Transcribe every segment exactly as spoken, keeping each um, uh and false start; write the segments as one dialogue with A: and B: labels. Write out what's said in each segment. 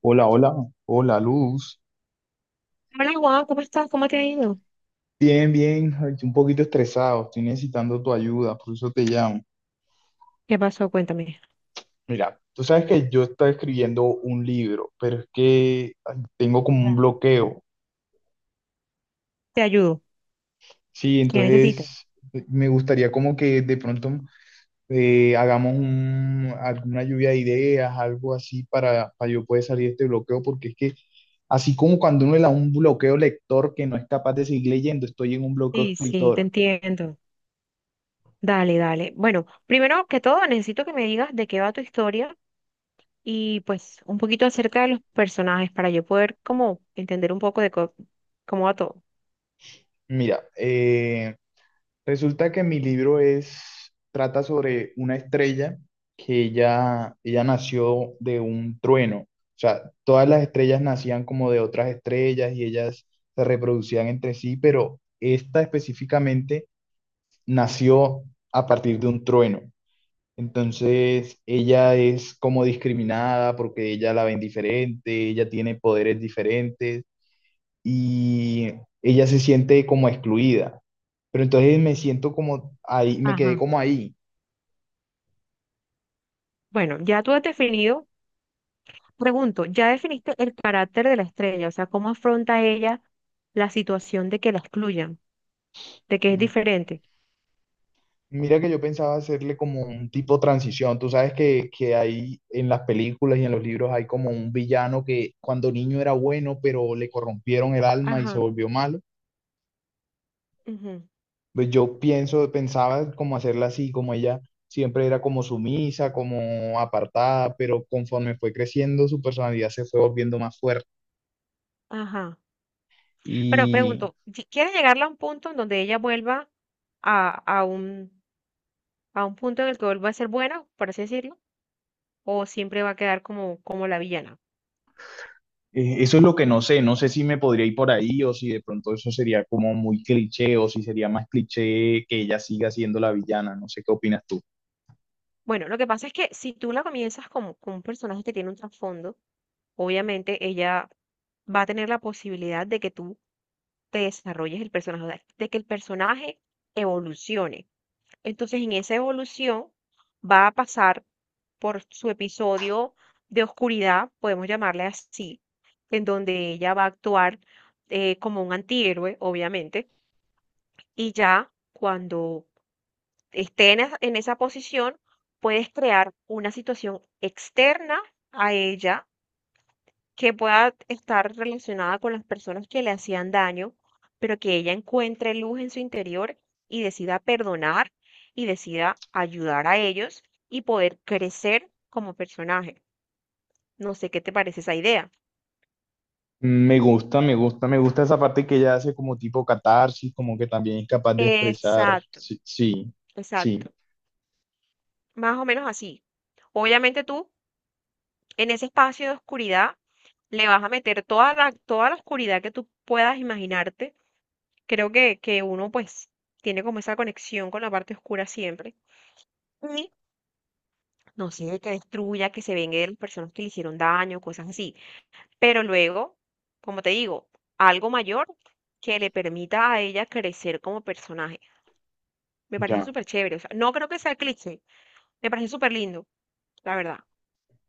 A: Hola, hola, hola Luz.
B: Hola Juan, ¿cómo estás? ¿Cómo te ha ido?
A: Bien, bien, ay, un poquito estresado, estoy necesitando tu ayuda, por eso te llamo.
B: ¿Qué pasó? Cuéntame.
A: Mira, tú sabes que yo estoy escribiendo un libro, pero es que ay, tengo como un
B: Ah,
A: bloqueo.
B: te ayudo.
A: Sí,
B: ¿Qué necesitas?
A: entonces eh, me gustaría como que de pronto eh, hagamos un- alguna lluvia de ideas, algo así para, para yo poder salir de este bloqueo, porque es que así como cuando uno le da un bloqueo lector que no es capaz de seguir leyendo, estoy en un bloqueo
B: Sí, sí, te
A: escritor.
B: entiendo. Dale, dale. Bueno, primero que todo, necesito que me digas de qué va tu historia y pues un poquito acerca de los personajes para yo poder como entender un poco de co- cómo va todo.
A: Mira, eh, resulta que mi libro es, trata sobre una estrella que ella, ella nació de un trueno. O sea, todas las estrellas nacían como de otras estrellas y ellas se reproducían entre sí, pero esta específicamente nació a partir de un trueno. Entonces, ella es como discriminada porque ella la ven diferente, ella tiene poderes diferentes y ella se siente como excluida. Pero entonces me siento como ahí, me quedé
B: Ajá.
A: como ahí.
B: Bueno, ya tú has definido, pregunto, ya definiste el carácter de la estrella, o sea, cómo afronta ella la situación de que la excluyan, de que es
A: Mm,
B: diferente.
A: mira que yo pensaba hacerle como un tipo de transición. Tú sabes que, que hay en las películas y en los libros hay como un villano que cuando niño era bueno, pero le corrompieron el alma y se
B: Ajá,
A: volvió malo.
B: ujú,
A: Pues yo pienso, pensaba como hacerla así, como ella siempre era como sumisa, como apartada, pero conforme fue creciendo su personalidad se fue volviendo más fuerte.
B: ajá. Pero
A: Y
B: pregunto, ¿si quiere llegarla a un punto en donde ella vuelva a, a un, a un punto en el que vuelva a ser buena, por así decirlo? ¿O siempre va a quedar como, como la villana?
A: Eh, eso es lo que no sé, no sé si me podría ir por ahí o si de pronto eso sería como muy cliché o si sería más cliché que ella siga siendo la villana, no sé qué opinas tú.
B: Bueno, lo que pasa es que si tú la comienzas como, con un personaje que tiene un trasfondo, obviamente ella va a tener la posibilidad de que tú te desarrolles el personaje, o sea, de que el personaje evolucione. Entonces, en esa evolución va a pasar por su episodio de oscuridad, podemos llamarle así, en donde ella va a actuar eh, como un antihéroe, obviamente, y ya cuando esté en, es- en esa posición, puedes crear una situación externa a ella que pueda estar relacionada con las personas que le hacían daño, pero que ella encuentre luz en su interior y decida perdonar y decida ayudar a ellos y poder crecer como personaje. No sé qué te parece esa idea.
A: Me gusta, me gusta, me gusta esa parte que ella hace como tipo catarsis, como que también es capaz de expresar,
B: Exacto,
A: sí, sí,
B: exacto.
A: sí,
B: Más o menos así. Obviamente tú, en ese espacio de oscuridad, le vas a meter toda la, toda la oscuridad que tú puedas imaginarte. Creo que, que uno pues tiene como esa conexión con la parte oscura siempre. Y no sé, que destruya, que se vengue de las personas que le hicieron daño, cosas así. Pero luego, como te digo, algo mayor que le permita a ella crecer como personaje. Me parece
A: ya.
B: súper chévere. O sea, no creo que sea cliché. Me parece súper lindo, la verdad.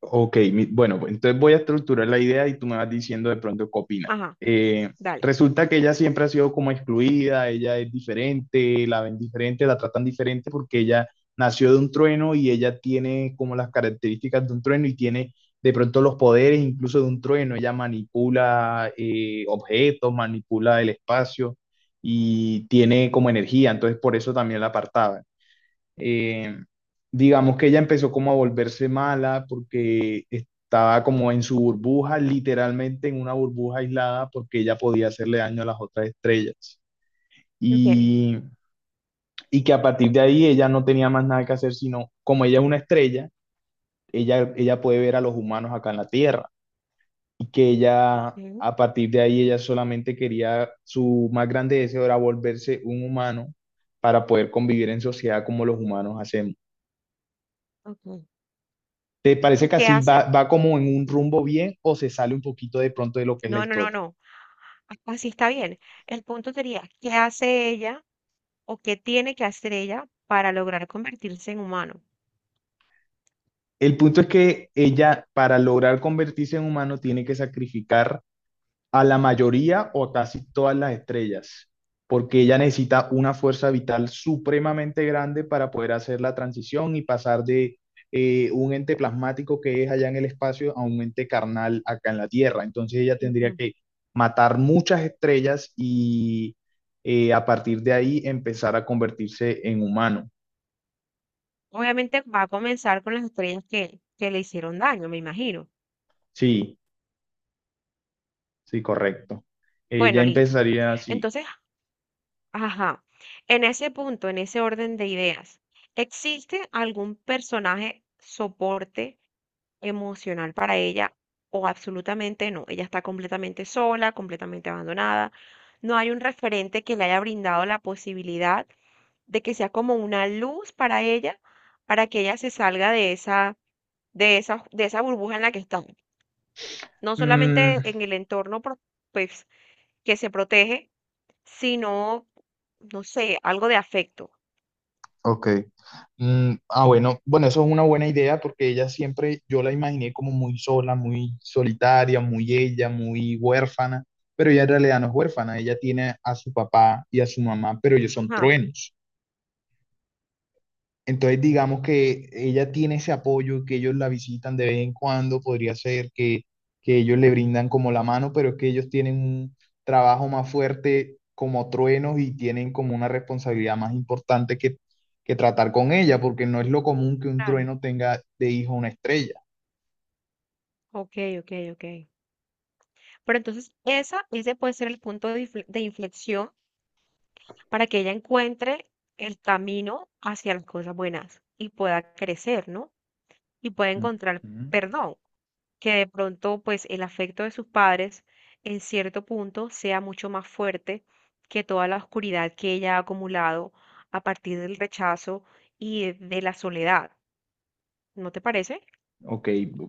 A: Ok, mi- bueno, pues, entonces voy a estructurar la idea y tú me vas diciendo de pronto qué opinas.
B: Ajá,
A: Eh,
B: dale.
A: resulta que ella siempre ha sido como excluida, ella es diferente, la ven diferente, la tratan diferente porque ella nació de un trueno y ella tiene como las características de un trueno y tiene de pronto los poderes incluso de un trueno. Ella manipula eh, objetos, manipula el espacio y tiene como energía, entonces por eso también la apartaba. Eh, digamos que ella empezó como a volverse mala porque estaba como en su burbuja, literalmente en una burbuja aislada porque ella podía hacerle daño a las otras estrellas.
B: Ok,
A: Y, y que a partir de ahí ella no tenía más nada que hacer, sino como ella es una estrella, ella, ella puede ver a los humanos acá en la Tierra y que ella...
B: ok,
A: A partir de ahí, ella solamente quería, su más grande deseo era volverse un humano para poder convivir en sociedad como los humanos hacemos.
B: ok.
A: ¿Te parece
B: ¿Y
A: que
B: qué
A: así
B: hace?
A: va, va como en un rumbo bien o se sale un poquito de pronto de lo que es la
B: No, no, no,
A: historia?
B: no. Así está bien. El punto sería, ¿qué hace ella o qué tiene que hacer ella para lograr convertirse en humano?
A: El punto es que ella, para lograr convertirse en humano, tiene que sacrificar a la mayoría o casi todas las estrellas, porque ella necesita una fuerza vital supremamente grande para poder hacer la transición y pasar de eh, un ente plasmático que es allá en el espacio a un ente carnal acá en la Tierra. Entonces ella tendría
B: Ujú.
A: que matar muchas estrellas y eh, a partir de ahí empezar a convertirse en humano.
B: Obviamente va a comenzar con las estrellas que, que le hicieron daño, me imagino.
A: Sí, sí, correcto. Ella
B: Bueno, listo.
A: empezaría así.
B: Entonces, ajá, en ese punto, en ese orden de ideas, ¿existe algún personaje soporte emocional para ella o absolutamente no? Ella está completamente sola, completamente abandonada. No hay un referente que le haya brindado la posibilidad de que sea como una luz para ella, para que ella se salga de esa, de esa, de esa burbuja en la que está. No
A: Mm,
B: solamente en el entorno, pro- pues, que se protege, sino, no sé, algo de afecto.
A: ok. Mm, ah, bueno, bueno, eso es una buena idea porque ella siempre, yo la imaginé como muy sola, muy solitaria, muy ella, muy huérfana, pero ella en realidad no es huérfana, ella tiene a su papá y a su mamá, pero ellos son
B: Ajá,
A: truenos. Entonces, digamos que ella tiene ese apoyo, que ellos la visitan de vez en cuando, podría ser que, que ellos le brindan como la mano, pero es que ellos tienen un trabajo más fuerte como truenos y tienen como una responsabilidad más importante que, que tratar con ella, porque no es lo común que un
B: claro.
A: trueno tenga de hijo una estrella.
B: Ok, ok, ok. Pero entonces esa, ese puede ser el punto de infle- de inflexión para que ella encuentre el camino hacia las cosas buenas y pueda crecer, ¿no? Y pueda encontrar,
A: Ujú.
B: perdón, que de pronto pues el afecto de sus padres en cierto punto sea mucho más fuerte que toda la oscuridad que ella ha acumulado a partir del rechazo y e, de la soledad. ¿No te parece?
A: Ok,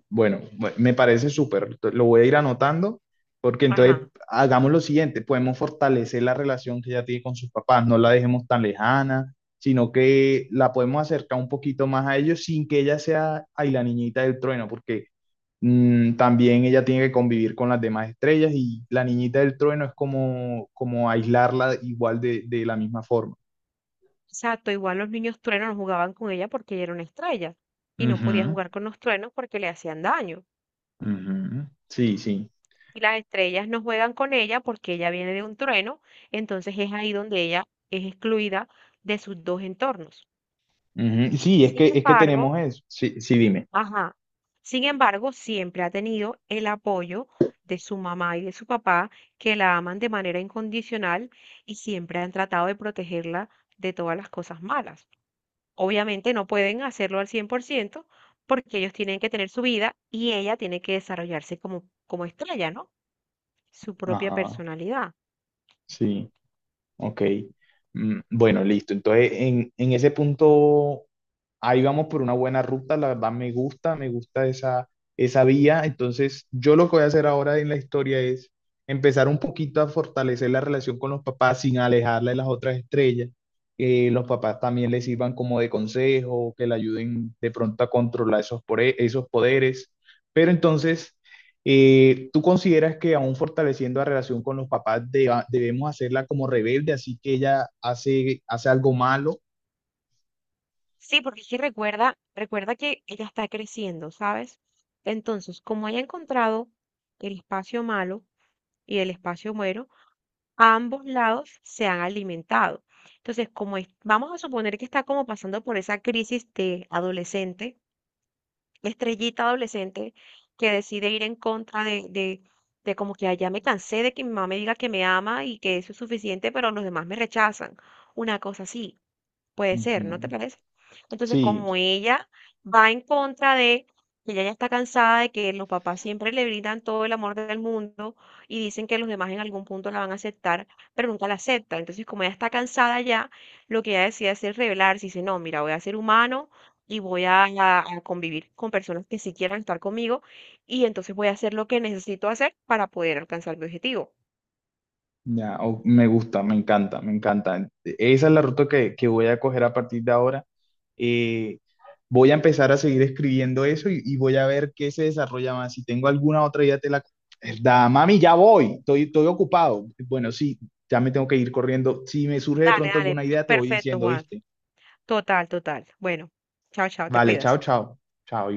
A: bueno, bu- me parece súper. Lo voy a ir anotando porque entonces
B: Ajá.
A: hagamos lo siguiente, podemos fortalecer la relación que ella tiene con sus papás, no la dejemos tan lejana, sino que la podemos acercar un poquito más a ellos sin que ella sea ay, la niñita del trueno, porque mm, también ella tiene que convivir con las demás estrellas y la niñita del trueno es como, como aislarla igual de, de la misma forma.
B: Exacto, igual los niños truenos no jugaban con ella porque ella era una estrella y no podía
A: Ujú,
B: jugar con los truenos porque le hacían daño.
A: ujú. Sí, sí.
B: Y las estrellas no juegan con ella porque ella viene de un trueno, entonces es ahí donde ella es excluida de sus dos entornos.
A: Ujú. Sí, es
B: Sin
A: que, es que
B: embargo,
A: tenemos eso. Sí, sí, dime.
B: ajá, sin embargo, siempre ha tenido el apoyo de su mamá y de su papá, que la aman de manera incondicional y siempre han tratado de protegerla de todas las cosas malas. Obviamente no pueden hacerlo al cien por ciento porque ellos tienen que tener su vida y ella tiene que desarrollarse como, como estrella, ¿no? Su propia
A: Ajá,
B: personalidad.
A: sí, ok. Mm, bueno, listo. Entonces, en, en ese punto, ahí vamos por una buena ruta. La verdad, me gusta, me gusta esa, esa vía. Entonces, yo lo que voy a hacer ahora en la historia es empezar un poquito a fortalecer la relación con los papás sin alejarla de las otras estrellas. Que los papás también les sirvan como de consejo, que le ayuden de pronto a controlar esos, pore- esos poderes. Pero entonces... Eh, ¿tú consideras que aún fortaleciendo la relación con los papás deba- debemos hacerla como rebelde, así que ella hace, hace algo malo?
B: Sí, porque es que recuerda, recuerda que ella está creciendo, ¿sabes? Entonces, como haya encontrado el espacio malo y el espacio bueno, a ambos lados se han alimentado. Entonces, como es- vamos a suponer que está como pasando por esa crisis de adolescente, la estrellita adolescente, que decide ir en contra de, de, de como que "Ay, ya me cansé de que mi mamá me diga que me ama y que eso es suficiente, pero los demás me rechazan." Una cosa así. Puede ser, ¿no te
A: Ujú.
B: parece? Entonces, como
A: Sí,
B: ella va en contra de, que ella ya está cansada de que los papás siempre le brindan todo el amor del mundo y dicen que los demás en algún punto la van a aceptar, pero nunca la aceptan. Entonces, como ella está cansada ya, lo que ella decide hacer es rebelarse y dice, no, mira, voy a ser humano y voy a, a- a convivir con personas que sí quieran estar conmigo y entonces voy a hacer lo que necesito hacer para poder alcanzar mi objetivo.
A: ya, o- me gusta, me encanta, me encanta. Esa es la ruta que, que voy a coger a partir de ahora. Eh, voy a empezar a seguir escribiendo eso y, y voy a ver qué se desarrolla más. Si tengo alguna otra idea, te la... Da, mami, ya voy, estoy, estoy ocupado. Bueno, sí, ya me tengo que ir corriendo. Si me surge de
B: Dale,
A: pronto
B: dale,
A: alguna idea, te voy
B: perfecto,
A: diciendo,
B: Juan.
A: ¿viste?
B: Total, total. Bueno, chao, chao, te
A: Vale, chao,
B: cuidas.
A: chao. Chao.